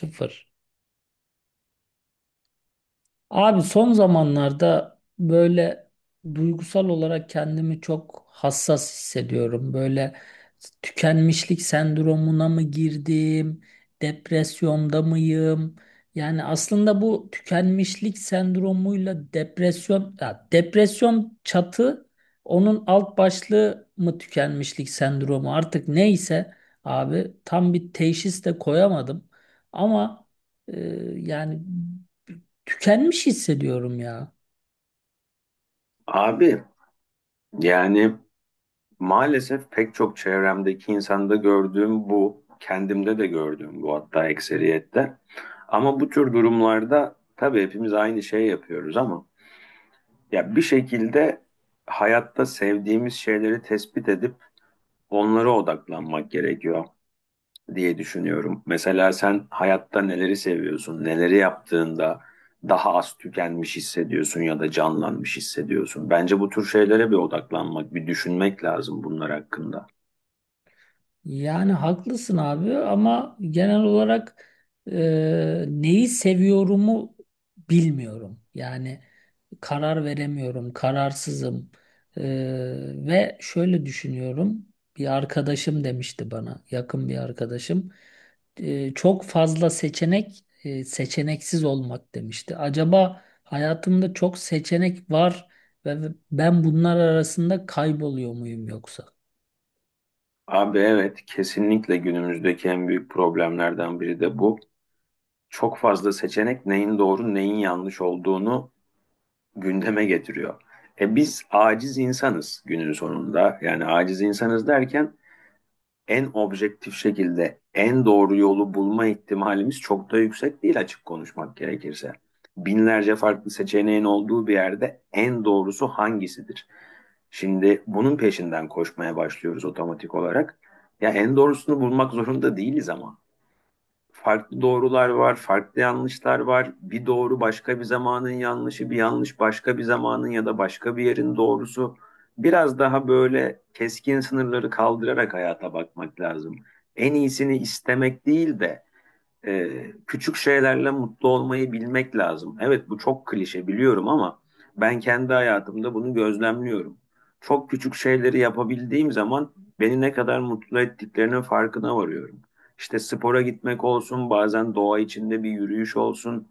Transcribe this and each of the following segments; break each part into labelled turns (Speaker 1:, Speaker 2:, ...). Speaker 1: Sıfır. Abi son zamanlarda böyle duygusal olarak kendimi çok hassas hissediyorum. Böyle tükenmişlik sendromuna mı girdim, depresyonda mıyım? Yani aslında bu tükenmişlik sendromuyla depresyon, ya depresyon çatı, onun alt başlığı mı tükenmişlik sendromu artık neyse abi tam bir teşhis de koyamadım. Ama e, yani tükenmiş hissediyorum ya.
Speaker 2: Abi yani maalesef pek çok çevremdeki insanda gördüğüm bu, kendimde de gördüğüm bu hatta ekseriyette. Ama bu tür durumlarda tabii hepimiz aynı şey yapıyoruz ama ya bir şekilde hayatta sevdiğimiz şeyleri tespit edip onlara odaklanmak gerekiyor diye düşünüyorum. Mesela sen hayatta neleri seviyorsun, neleri yaptığında daha az tükenmiş hissediyorsun ya da canlanmış hissediyorsun. Bence bu tür şeylere bir odaklanmak, bir düşünmek lazım bunlar hakkında.
Speaker 1: Yani haklısın abi ama genel olarak neyi seviyorumu bilmiyorum. Yani karar veremiyorum, kararsızım. E, Ve şöyle düşünüyorum. Bir arkadaşım demişti bana, yakın bir arkadaşım. Çok fazla seçenek, seçeneksiz olmak demişti. Acaba hayatımda çok seçenek var ve ben bunlar arasında kayboluyor muyum yoksa?
Speaker 2: Abi evet, kesinlikle günümüzdeki en büyük problemlerden biri de bu. Çok fazla seçenek neyin doğru, neyin yanlış olduğunu gündeme getiriyor. E biz aciz insanız günün sonunda. Yani aciz insanız derken en objektif şekilde en doğru yolu bulma ihtimalimiz çok da yüksek değil açık konuşmak gerekirse. Binlerce farklı seçeneğin olduğu bir yerde en doğrusu hangisidir? Şimdi bunun peşinden koşmaya başlıyoruz otomatik olarak. Ya en doğrusunu bulmak zorunda değiliz ama farklı doğrular var, farklı yanlışlar var. Bir doğru başka bir zamanın yanlışı, bir yanlış başka bir zamanın ya da başka bir yerin doğrusu. Biraz daha böyle keskin sınırları kaldırarak hayata bakmak lazım. En iyisini istemek değil de küçük şeylerle mutlu olmayı bilmek lazım. Evet bu çok klişe biliyorum ama ben kendi hayatımda bunu gözlemliyorum. Çok küçük şeyleri yapabildiğim zaman beni ne kadar mutlu ettiklerinin farkına varıyorum. İşte spora gitmek olsun, bazen doğa içinde bir yürüyüş olsun,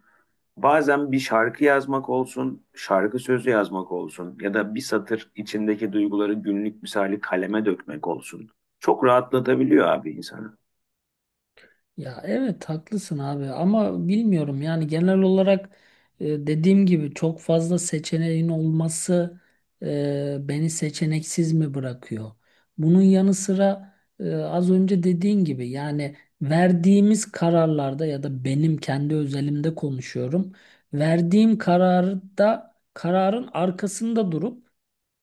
Speaker 2: bazen bir şarkı yazmak olsun, şarkı sözü yazmak olsun ya da bir satır içindeki duyguları günlük misali kaleme dökmek olsun. Çok rahatlatabiliyor abi insanı.
Speaker 1: Ya evet haklısın abi ama bilmiyorum yani genel olarak dediğim gibi çok fazla seçeneğin olması beni seçeneksiz mi bırakıyor? Bunun yanı sıra az önce dediğin gibi yani verdiğimiz kararlarda ya da benim kendi özelimde konuşuyorum. Verdiğim kararda kararın arkasında durup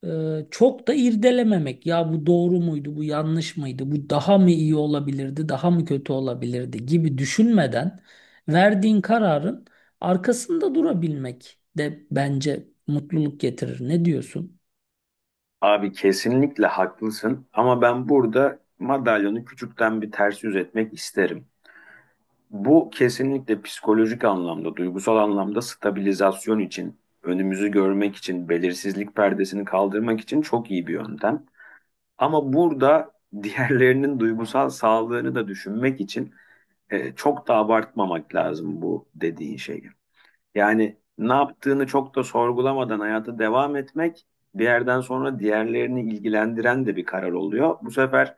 Speaker 1: çok da irdelememek. Ya bu doğru muydu, bu yanlış mıydı, bu daha mı iyi olabilirdi, daha mı kötü olabilirdi gibi düşünmeden verdiğin kararın arkasında durabilmek de bence mutluluk getirir. Ne diyorsun?
Speaker 2: Abi kesinlikle haklısın ama ben burada madalyonu küçükten bir ters yüz etmek isterim. Bu kesinlikle psikolojik anlamda, duygusal anlamda stabilizasyon için, önümüzü görmek için, belirsizlik perdesini kaldırmak için çok iyi bir yöntem. Ama burada diğerlerinin duygusal sağlığını da düşünmek için çok da abartmamak lazım bu dediğin şeyi. Yani ne yaptığını çok da sorgulamadan hayata devam etmek bir yerden sonra diğerlerini ilgilendiren de bir karar oluyor. Bu sefer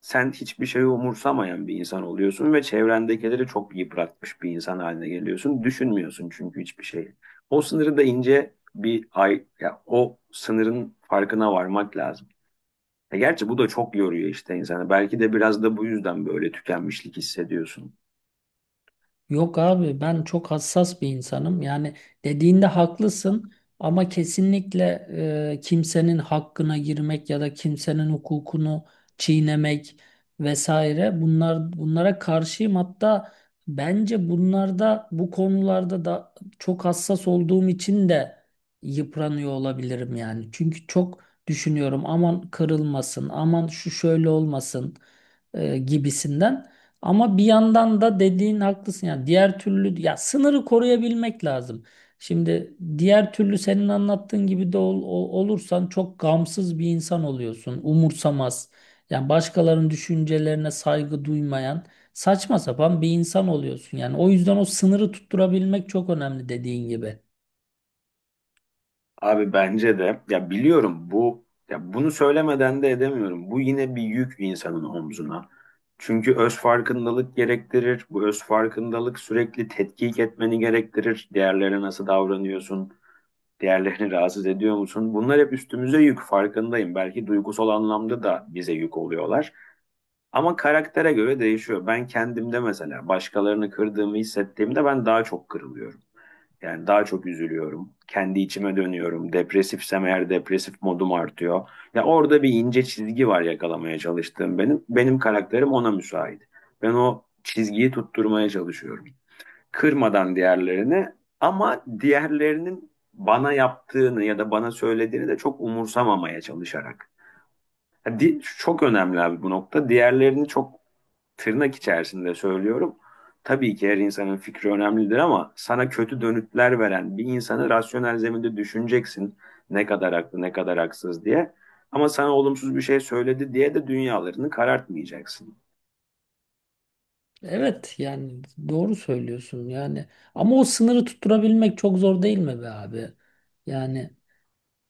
Speaker 2: sen hiçbir şeyi umursamayan bir insan oluyorsun ve çevrendekileri çok yıpratmış bir insan haline geliyorsun. Düşünmüyorsun çünkü hiçbir şeyi. O sınırı da ince bir ay, ya o sınırın farkına varmak lazım. E gerçi bu da çok yoruyor işte insanı. Belki de biraz da bu yüzden böyle tükenmişlik hissediyorsun.
Speaker 1: Yok abi ben çok hassas bir insanım. Yani dediğinde haklısın ama kesinlikle kimsenin hakkına girmek ya da kimsenin hukukunu çiğnemek vesaire bunlara karşıyım. Hatta bence bunlarda bu konularda da çok hassas olduğum için de yıpranıyor olabilirim yani. Çünkü çok düşünüyorum aman kırılmasın, aman şu şöyle olmasın gibisinden. Ama bir yandan da dediğin haklısın ya diğer türlü ya sınırı koruyabilmek lazım. Şimdi diğer türlü senin anlattığın gibi de olursan çok gamsız bir insan oluyorsun. Umursamaz. Yani başkalarının düşüncelerine saygı duymayan saçma sapan bir insan oluyorsun. Yani o yüzden o sınırı tutturabilmek çok önemli dediğin gibi.
Speaker 2: Abi bence de ya biliyorum bu ya bunu söylemeden de edemiyorum. Bu yine bir yük insanın omzuna. Çünkü öz farkındalık gerektirir. Bu öz farkındalık sürekli tetkik etmeni gerektirir. Diğerlerine nasıl davranıyorsun? Diğerlerini rahatsız ediyor musun? Bunlar hep üstümüze yük farkındayım. Belki duygusal anlamda da bize yük oluyorlar. Ama karaktere göre değişiyor. Ben kendimde mesela başkalarını kırdığımı hissettiğimde ben daha çok kırılıyorum. Yani daha çok üzülüyorum. Kendi içime dönüyorum. Depresifsem eğer depresif modum artıyor. Ya orada bir ince çizgi var yakalamaya çalıştığım benim. Benim karakterim ona müsait. Ben o çizgiyi tutturmaya çalışıyorum. Kırmadan diğerlerini, ama diğerlerinin bana yaptığını ya da bana söylediğini de çok umursamamaya çalışarak. Çok önemli abi bu nokta. Diğerlerini çok tırnak içerisinde söylüyorum. Tabii ki her insanın fikri önemlidir ama sana kötü dönütler veren bir insanı rasyonel zeminde düşüneceksin. Ne kadar haklı, ne kadar haksız diye. Ama sana olumsuz bir şey söyledi diye de dünyalarını karartmayacaksın.
Speaker 1: Evet yani doğru söylüyorsun yani ama o sınırı tutturabilmek çok zor değil mi be abi? Yani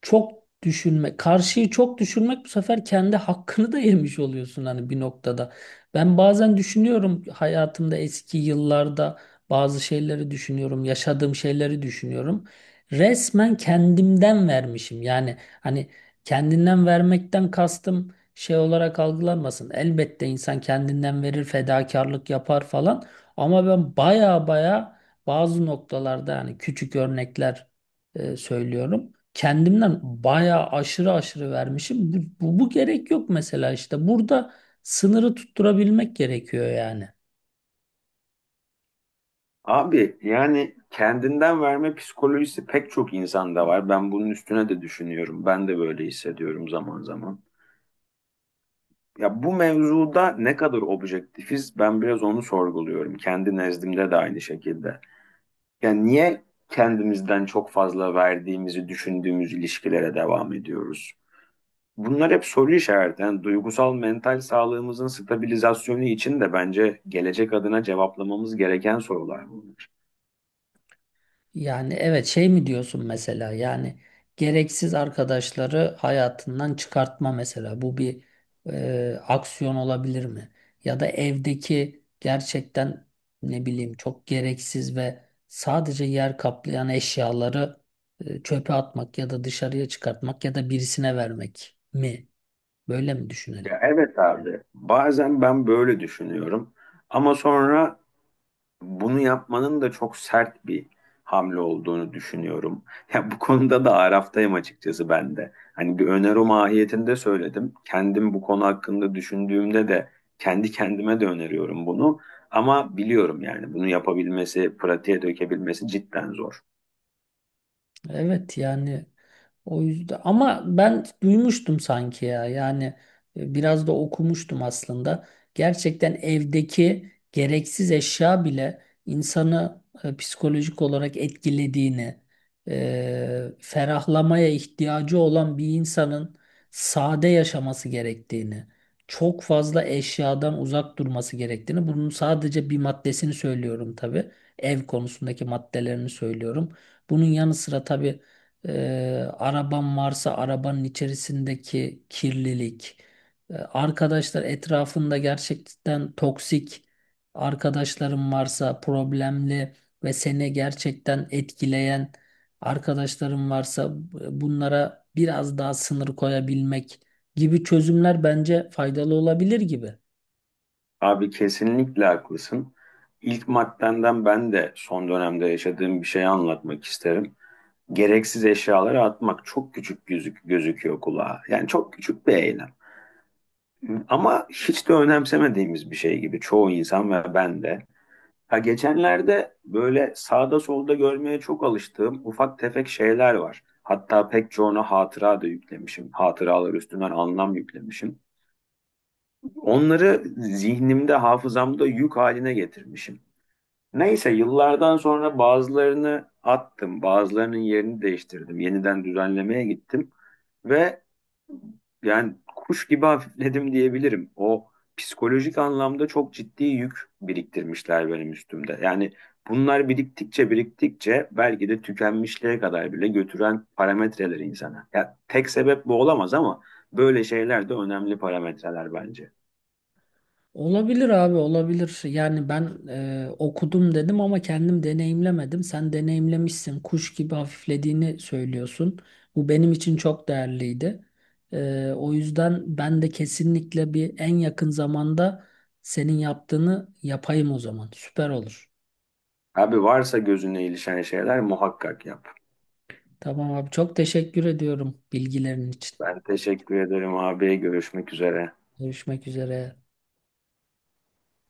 Speaker 1: çok düşünme, karşıyı çok düşünmek bu sefer kendi hakkını da yemiş oluyorsun hani bir noktada. Ben bazen düşünüyorum hayatımda eski yıllarda bazı şeyleri düşünüyorum, yaşadığım şeyleri düşünüyorum. Resmen kendimden vermişim. Yani hani kendinden vermekten kastım şey olarak algılanmasın. Elbette insan kendinden verir, fedakarlık yapar falan. Ama ben baya baya bazı noktalarda yani küçük örnekler söylüyorum kendimden bayağı aşırı aşırı vermişim. Bu gerek yok mesela işte. Burada sınırı tutturabilmek gerekiyor yani.
Speaker 2: Abi yani kendinden verme psikolojisi pek çok insanda var. Ben bunun üstüne de düşünüyorum. Ben de böyle hissediyorum zaman zaman. Ya bu mevzuda ne kadar objektifiz ben biraz onu sorguluyorum. Kendi nezdimde de aynı şekilde. Yani niye kendimizden çok fazla verdiğimizi düşündüğümüz ilişkilere devam ediyoruz? Bunlar hep soru işareti. Yani duygusal mental sağlığımızın stabilizasyonu için de bence gelecek adına cevaplamamız gereken sorular bunlar.
Speaker 1: Yani evet şey mi diyorsun mesela yani gereksiz arkadaşları hayatından çıkartma mesela. Bu bir aksiyon olabilir mi? Ya da evdeki gerçekten ne bileyim çok gereksiz ve sadece yer kaplayan eşyaları çöpe atmak ya da dışarıya çıkartmak ya da birisine vermek mi? Böyle mi düşünelim?
Speaker 2: Ya evet abi, bazen ben böyle düşünüyorum ama sonra bunu yapmanın da çok sert bir hamle olduğunu düşünüyorum. Ya bu konuda da araftayım açıkçası ben de. Hani bir öneri mahiyetinde söyledim. Kendim bu konu hakkında düşündüğümde de kendi kendime de öneriyorum bunu. Ama biliyorum yani bunu yapabilmesi, pratiğe dökebilmesi cidden zor.
Speaker 1: Evet yani o yüzden ama ben duymuştum sanki ya yani biraz da okumuştum aslında. Gerçekten evdeki gereksiz eşya bile insanı psikolojik olarak etkilediğini, ferahlamaya ihtiyacı olan bir insanın sade yaşaması gerektiğini, çok fazla eşyadan uzak durması gerektiğini, bunun sadece bir maddesini söylüyorum tabii ev konusundaki maddelerini söylüyorum. Bunun yanı sıra tabii e, araban varsa arabanın içerisindeki kirlilik, arkadaşlar etrafında gerçekten toksik arkadaşların varsa problemli ve seni gerçekten etkileyen arkadaşların varsa bunlara biraz daha sınır koyabilmek gibi çözümler bence faydalı olabilir gibi.
Speaker 2: Abi kesinlikle haklısın. İlk maddenden ben de son dönemde yaşadığım bir şeyi anlatmak isterim. Gereksiz eşyaları atmak çok küçük gözüküyor kulağa. Yani çok küçük bir eylem. Ama hiç de önemsemediğimiz bir şey gibi çoğu insan ve ben de. Ha geçenlerde böyle sağda solda görmeye çok alıştığım ufak tefek şeyler var. Hatta pek çoğuna hatıra da yüklemişim. Hatıralar üstünden anlam yüklemişim. Onları zihnimde, hafızamda yük haline getirmişim. Neyse yıllardan sonra bazılarını attım, bazılarının yerini değiştirdim. Yeniden düzenlemeye gittim ve yani kuş gibi hafifledim diyebilirim. O psikolojik anlamda çok ciddi yük biriktirmişler benim üstümde. Yani bunlar biriktikçe biriktikçe belki de tükenmişliğe kadar bile götüren parametreler insana. Ya tek sebep bu olamaz ama böyle şeyler de önemli parametreler bence.
Speaker 1: Olabilir abi olabilir. Yani ben okudum dedim ama kendim deneyimlemedim. Sen deneyimlemişsin. Kuş gibi hafiflediğini söylüyorsun. Bu benim için çok değerliydi. O yüzden ben de kesinlikle bir en yakın zamanda senin yaptığını yapayım o zaman. Süper olur.
Speaker 2: Abi varsa gözüne ilişen şeyler muhakkak yap.
Speaker 1: Tamam abi çok teşekkür ediyorum bilgilerin için.
Speaker 2: Ben teşekkür ederim abi. Görüşmek üzere.
Speaker 1: Görüşmek üzere.